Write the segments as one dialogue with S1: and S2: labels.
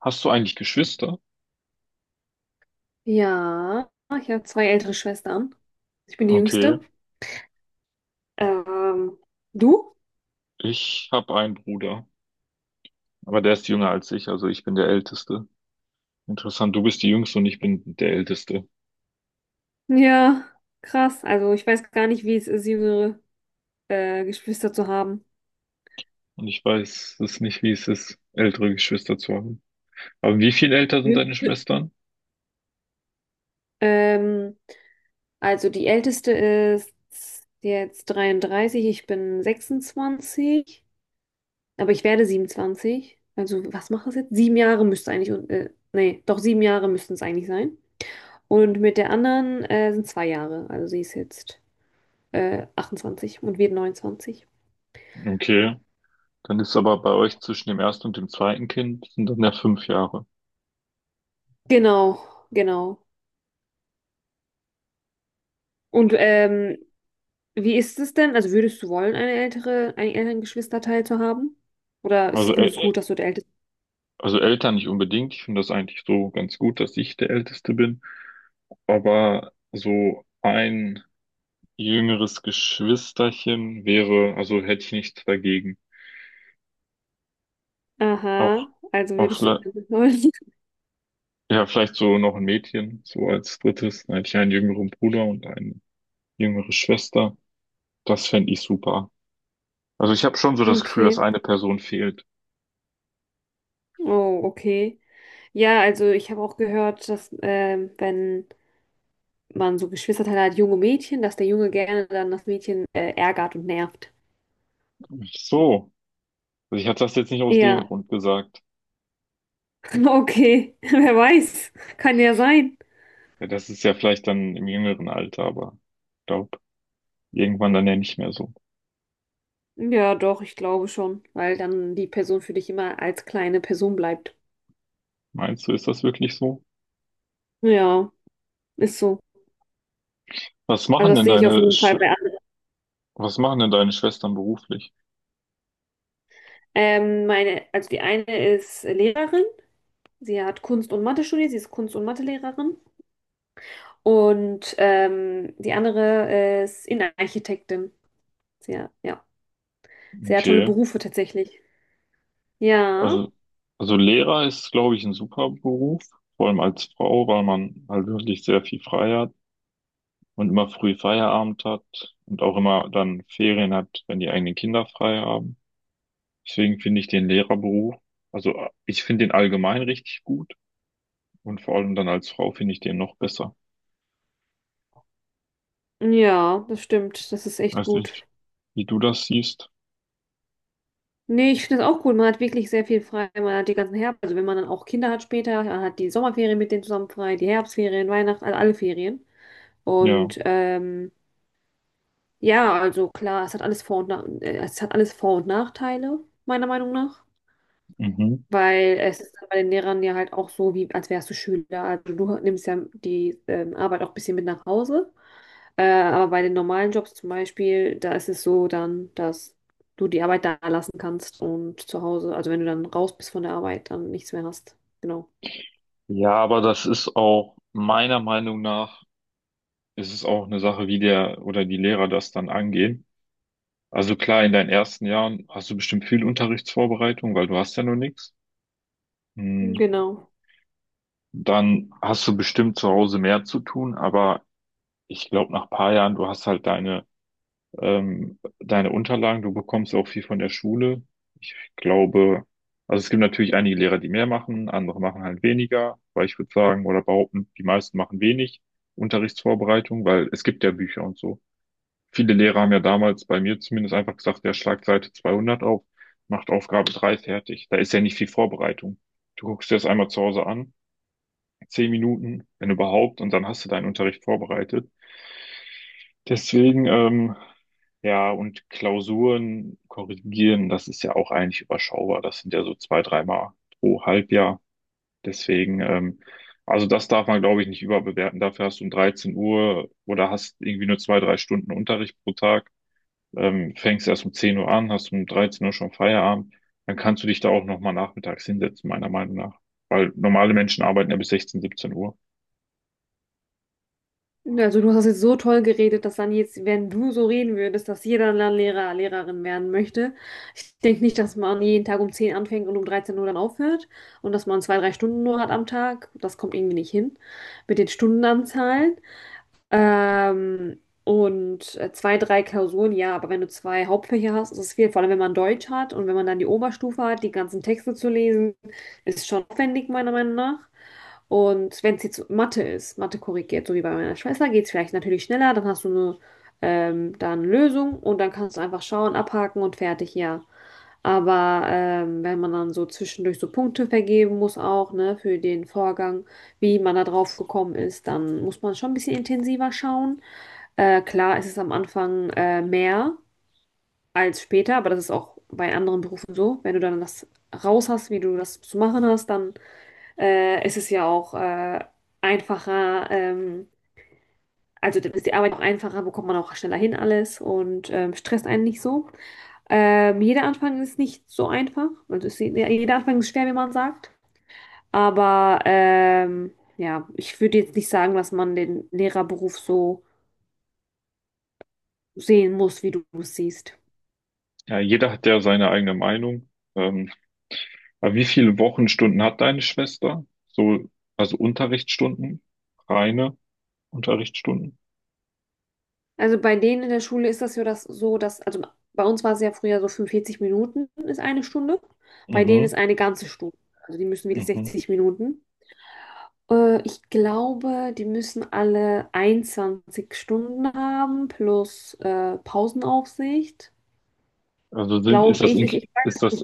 S1: Hast du eigentlich Geschwister?
S2: Ja, ich habe zwei ältere Schwestern. Ich bin die
S1: Okay,
S2: jüngste. Ähm, du?
S1: ich habe einen Bruder, aber der ist jünger als ich, also ich bin der Älteste. Interessant, du bist die Jüngste und ich bin der Älteste.
S2: Ja, krass. Also ich weiß gar nicht, wie es ist, jüngere Geschwister zu haben.
S1: Und ich weiß es nicht, wie es ist, ältere Geschwister zu haben. Aber wie viel älter sind deine
S2: Mhm.
S1: Schwestern?
S2: Ähm, also die älteste ist jetzt 33, ich bin 26, aber ich werde 27. Also was mache ich jetzt? Sieben Jahre müsste eigentlich, und, nee, doch sieben Jahre müssten es eigentlich sein. Und mit der anderen sind zwei Jahre. Also sie ist jetzt 28 und wir 29.
S1: Okay, dann ist aber bei euch zwischen dem ersten und dem zweiten Kind sind dann ja 5 Jahre.
S2: Genau, genau. Und wie ist es denn? Also würdest du wollen, eine ältere, einen älteren Geschwisterteil zu haben? Oder
S1: Also,
S2: ist-
S1: ä-
S2: findest du
S1: ä-
S2: gut, dass du der Älteste bist?
S1: also älter nicht unbedingt. Ich finde das eigentlich so ganz gut, dass ich der Älteste bin. Aber so ein jüngeres Geschwisterchen wäre, also hätte ich nichts dagegen.
S2: Aha,
S1: Auch,
S2: also
S1: auch
S2: würdest du
S1: vielleicht,
S2: gerne wollen.
S1: ja, vielleicht so noch ein Mädchen, so als drittes. Dann hätte ich einen jüngeren Bruder und eine jüngere Schwester. Das fände ich super. Also ich habe schon so das Gefühl, dass
S2: Okay.
S1: eine Person fehlt.
S2: Oh, okay. Ja, also ich habe auch gehört, dass wenn man so Geschwisterteile hat, junge Mädchen, dass der Junge gerne dann das Mädchen ärgert und nervt.
S1: Ach so. Also ich hatte das jetzt nicht aus dem
S2: Ja,
S1: Grund gesagt.
S2: okay. Wer weiß. Kann ja sein.
S1: Ja, das ist ja vielleicht dann im jüngeren Alter, aber ich glaube, irgendwann dann ja nicht mehr so.
S2: Ja, doch, ich glaube schon, weil dann die Person für dich immer als kleine Person bleibt.
S1: Meinst du, ist das wirklich so?
S2: Ja, ist so.
S1: Was
S2: Also
S1: machen
S2: das
S1: denn
S2: sehe ich auf
S1: deine,
S2: jeden
S1: Sch
S2: Fall bei anderen.
S1: Was machen denn deine Schwestern beruflich?
S2: Meine, also die eine ist Lehrerin, sie hat Kunst und Mathe studiert, sie ist Kunst- und Mathelehrerin. Und die andere ist Innenarchitektin. Sehr, ja, sehr tolle
S1: Okay.
S2: Berufe tatsächlich. Ja,
S1: Also, also Lehrer ist, glaube ich, ein super Beruf, vor allem als Frau, weil man halt wirklich sehr viel frei hat und immer früh Feierabend hat und auch immer dann Ferien hat, wenn die eigenen Kinder frei haben. Deswegen finde ich den Lehrerberuf, also ich finde den allgemein richtig gut und vor allem dann als Frau finde ich den noch besser.
S2: ja, das stimmt, das ist echt
S1: Weiß
S2: gut.
S1: nicht, wie du das siehst.
S2: Nee, ich finde das auch cool. Man hat wirklich sehr viel frei. Man hat die ganzen Herbst, also wenn man dann auch Kinder hat später, man hat die Sommerferien mit denen zusammen frei, die Herbstferien, Weihnachten, also alle Ferien.
S1: Ja,
S2: Und ja, also klar, es hat alles Vor- und Nachteile, meiner Meinung nach.
S1: mhm.
S2: Weil es ist bei den Lehrern ja halt auch so, wie als wärst du Schüler. Also du nimmst ja die Arbeit auch ein bisschen mit nach Hause. Aber bei den normalen Jobs zum Beispiel, da ist es so dann, dass du die Arbeit da lassen kannst und zu Hause, also wenn du dann raus bist von der Arbeit, dann nichts mehr hast. Genau.
S1: Ja, aber das ist auch meiner Meinung nach, ist es auch eine Sache, wie der oder die Lehrer das dann angehen. Also klar, in deinen ersten Jahren hast du bestimmt viel Unterrichtsvorbereitung, weil du hast ja nur nichts. Hm,
S2: Genau.
S1: Dann hast du bestimmt zu Hause mehr zu tun, aber ich glaube, nach paar Jahren, du hast halt deine Unterlagen, du bekommst auch viel von der Schule. Ich glaube, also es gibt natürlich einige Lehrer, die mehr machen, andere machen halt weniger, weil ich würde sagen oder behaupten, die meisten machen wenig Unterrichtsvorbereitung, weil es gibt ja Bücher und so. Viele Lehrer haben ja damals bei mir zumindest einfach gesagt, ja, schlag Seite 200 auf, macht Aufgabe 3 fertig. Da ist ja nicht viel Vorbereitung. Du guckst dir das einmal zu Hause an, 10 Minuten, wenn überhaupt, und dann hast du deinen Unterricht vorbereitet. Deswegen, ja, und Klausuren korrigieren, das ist ja auch eigentlich überschaubar. Das sind ja so zwei, dreimal pro Halbjahr. Deswegen, also das darf man, glaube ich, nicht überbewerten. Dafür hast du um 13 Uhr oder hast irgendwie nur zwei, drei Stunden Unterricht pro Tag, fängst erst um 10 Uhr an, hast um 13 Uhr schon Feierabend, dann kannst du dich da auch nochmal nachmittags hinsetzen, meiner Meinung nach. Weil normale Menschen arbeiten ja bis 16, 17 Uhr.
S2: Also du hast jetzt so toll geredet, dass dann jetzt, wenn du so reden würdest, dass jeder dann Lehrer, Lehrerin werden möchte. Ich denke nicht, dass man jeden Tag um 10 anfängt und um 13 Uhr dann aufhört und dass man zwei, drei Stunden nur hat am Tag. Das kommt irgendwie nicht hin mit den Stundenanzahlen. Zwei, drei Klausuren, ja, aber wenn du zwei Hauptfächer hast, ist es viel. Vor allem, wenn man Deutsch hat und wenn man dann die Oberstufe hat, die ganzen Texte zu lesen, ist schon aufwendig, meiner Meinung nach. Und wenn es jetzt Mathe ist, Mathe korrigiert, so wie bei meiner Schwester, geht es vielleicht natürlich schneller, dann hast du eine dann Lösung und dann kannst du einfach schauen, abhaken und fertig, ja. Aber wenn man dann so zwischendurch so Punkte vergeben muss auch, ne, für den Vorgang, wie man da drauf gekommen ist, dann muss man schon ein bisschen intensiver schauen. Klar, es ist es am Anfang mehr als später, aber das ist auch bei anderen Berufen so. Wenn du dann das raus hast, wie du das zu machen hast, dann ist es ja auch einfacher. Also dann ist die Arbeit auch einfacher, bekommt man auch schneller hin alles und stresst einen nicht so. Jeder Anfang ist nicht so einfach. Ja, jeder Anfang ist schwer, wie man sagt. Aber ja, ich würde jetzt nicht sagen, dass man den Lehrerberuf so sehen muss, wie du es siehst.
S1: Ja, jeder hat ja seine eigene Meinung. Ähm, aber wie viele Wochenstunden hat deine Schwester? So, also Unterrichtsstunden, reine Unterrichtsstunden.
S2: Also bei denen in der Schule ist das ja das so, dass, also bei uns war es ja früher so 45 Minuten ist eine Stunde. Bei denen ist
S1: Mhm,
S2: eine ganze Stunde. Also die müssen wirklich
S1: mhm.
S2: 60 Minuten. Ich glaube, die müssen alle 21 Stunden haben plus Pausenaufsicht.
S1: Also sind, ist
S2: Glaube
S1: das,
S2: ich, ich,
S1: ink-
S2: ich
S1: ist das,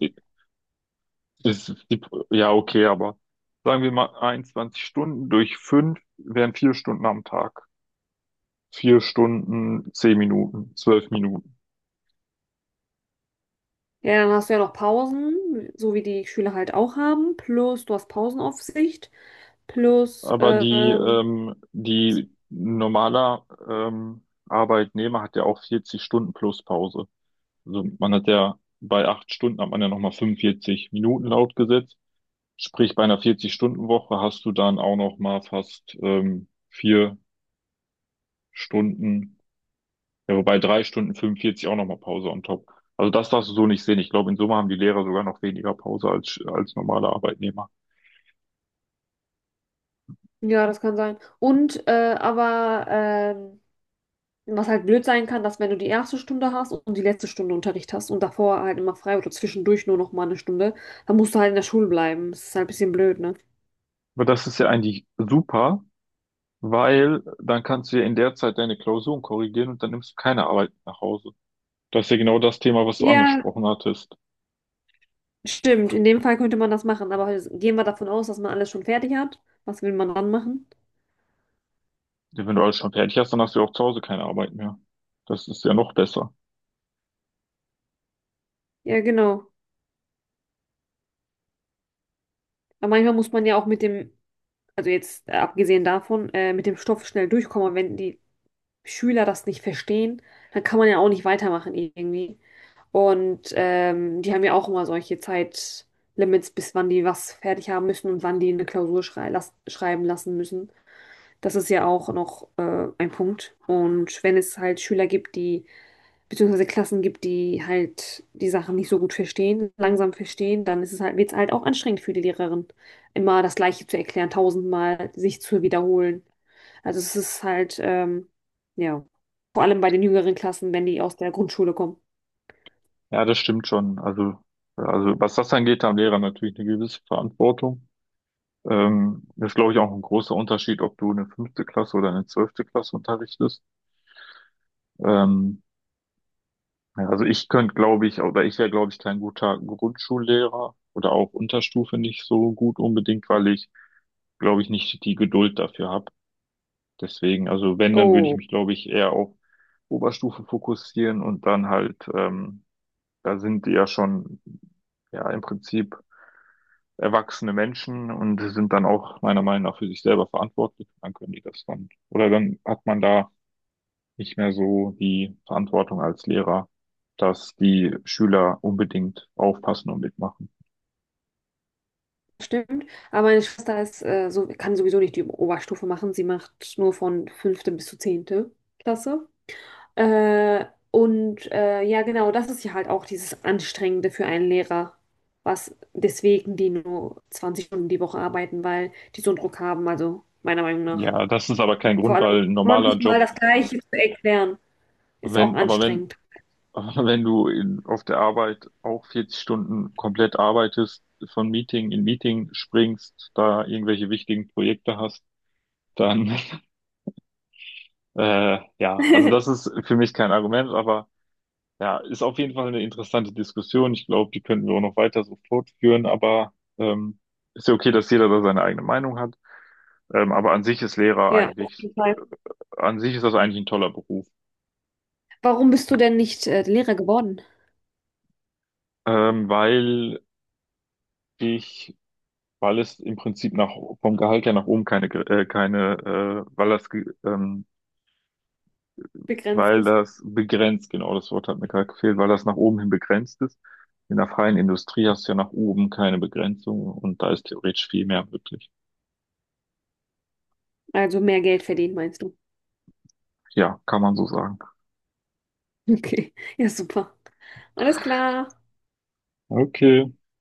S1: ist die, ja, okay, aber sagen wir mal 21 Stunden durch fünf wären 4 Stunden am Tag. 4 Stunden, 10 Minuten, 12 Minuten.
S2: Ja, dann hast du ja noch Pausen, so wie die Schüler halt auch haben. Plus, du hast Pausenaufsicht. Plus,
S1: Aber die,
S2: ähm,
S1: ähm, die normaler Arbeitnehmer hat ja auch 40 Stunden plus Pause. Also man hat ja bei 8 Stunden hat man ja nochmal 45 Minuten laut Gesetz. Sprich, bei einer 40-Stunden-Woche hast du dann auch nochmal fast 4 Stunden, ja, wobei 3 Stunden 45 auch nochmal Pause on top. Also das darfst du so nicht sehen. Ich glaube, in Summe haben die Lehrer sogar noch weniger Pause als normale Arbeitnehmer.
S2: ja, das kann sein. Was halt blöd sein kann, dass wenn du die erste Stunde hast und die letzte Stunde Unterricht hast und davor halt immer frei oder zwischendurch nur noch mal eine Stunde, dann musst du halt in der Schule bleiben. Das ist halt ein bisschen blöd, ne?
S1: Aber das ist ja eigentlich super, weil dann kannst du ja in der Zeit deine Klausuren korrigieren und dann nimmst du keine Arbeit mit nach Hause. Das ist ja genau das Thema, was du
S2: Ja,
S1: angesprochen hattest.
S2: stimmt. In dem Fall könnte man das machen. Aber gehen wir davon aus, dass man alles schon fertig hat. Was will man dann machen?
S1: Ja, wenn du alles schon fertig hast, dann hast du ja auch zu Hause keine Arbeit mehr. Das ist ja noch besser.
S2: Ja, genau. Aber manchmal muss man ja auch mit dem also jetzt abgesehen davon, mit dem Stoff schnell durchkommen. Und wenn die Schüler das nicht verstehen, dann kann man ja auch nicht weitermachen irgendwie. Und die haben ja auch immer solche Zeitlimits, bis wann die was fertig haben müssen und wann die eine Klausur schreiben lassen müssen. Das ist ja auch noch ein Punkt. Und wenn es halt Schüler gibt, die beziehungsweise Klassen gibt, die halt die Sachen nicht so gut verstehen, langsam verstehen, dann ist es halt, wird es halt auch anstrengend für die Lehrerin, immer das Gleiche zu erklären, tausendmal sich zu wiederholen. Also es ist halt, ähm, ja, vor allem bei den jüngeren Klassen, wenn die aus der Grundschule kommen.
S1: Ja, das stimmt schon. Also, ja, also was das angeht, da haben Lehrer natürlich eine gewisse Verantwortung. Das ist, glaube ich, auch ein großer Unterschied, ob du eine fünfte Klasse oder eine 12. Klasse unterrichtest. Ähm, Ja, also ich könnte, glaube ich, oder ich wäre, glaube ich, kein guter Grundschullehrer oder auch Unterstufe nicht so gut unbedingt, weil ich, glaube ich, nicht die Geduld dafür habe. Deswegen, also wenn, dann würde ich
S2: Oh,
S1: mich, glaube ich, eher auf Oberstufe fokussieren und dann halt, da sind die ja schon, ja, im Prinzip erwachsene Menschen und sind dann auch meiner Meinung nach für sich selber verantwortlich. Dann können die das dann, oder dann hat man da nicht mehr so die Verantwortung als Lehrer, dass die Schüler unbedingt aufpassen und mitmachen.
S2: stimmt. Aber meine Schwester ist, kann sowieso nicht die Oberstufe machen. Sie macht nur von fünfte bis zur zehnte Klasse. Äh, ja, genau, das ist ja halt auch dieses Anstrengende für einen Lehrer, was deswegen die nur 20 Stunden die Woche arbeiten, weil die so einen Druck haben, also meiner Meinung nach.
S1: Ja, das ist aber kein
S2: Vor
S1: Grund,
S2: allem
S1: weil ein normaler
S2: 20 Mal
S1: Job,
S2: das Gleiche zu erklären, ist auch
S1: wenn, aber wenn,
S2: anstrengend.
S1: wenn du in, auf der Arbeit auch 40 Stunden komplett arbeitest, von Meeting in Meeting springst, da irgendwelche wichtigen Projekte hast, dann, ja, also das ist für mich kein Argument, aber ja, ist auf jeden Fall eine interessante Diskussion. Ich glaube, die könnten wir auch noch weiter so fortführen, aber ist ja okay, dass jeder da seine eigene Meinung hat. Ähm, aber an sich ist Lehrer
S2: Ja, auf
S1: eigentlich,
S2: jeden Fall.
S1: an sich ist das eigentlich ein toller Beruf,
S2: Warum bist du denn nicht Lehrer geworden?
S1: weil ich, weil es im Prinzip nach, vom Gehalt her nach oben keine, keine, weil das, weil
S2: Begrenztes.
S1: das begrenzt, genau das Wort hat mir gerade gefehlt, weil das nach oben hin begrenzt ist. In der freien Industrie hast du ja nach oben keine Begrenzung und da ist theoretisch viel mehr möglich.
S2: Also mehr Geld verdienen, meinst du?
S1: Ja, kann man so sagen.
S2: Okay, ja, super. Alles klar.
S1: Okay.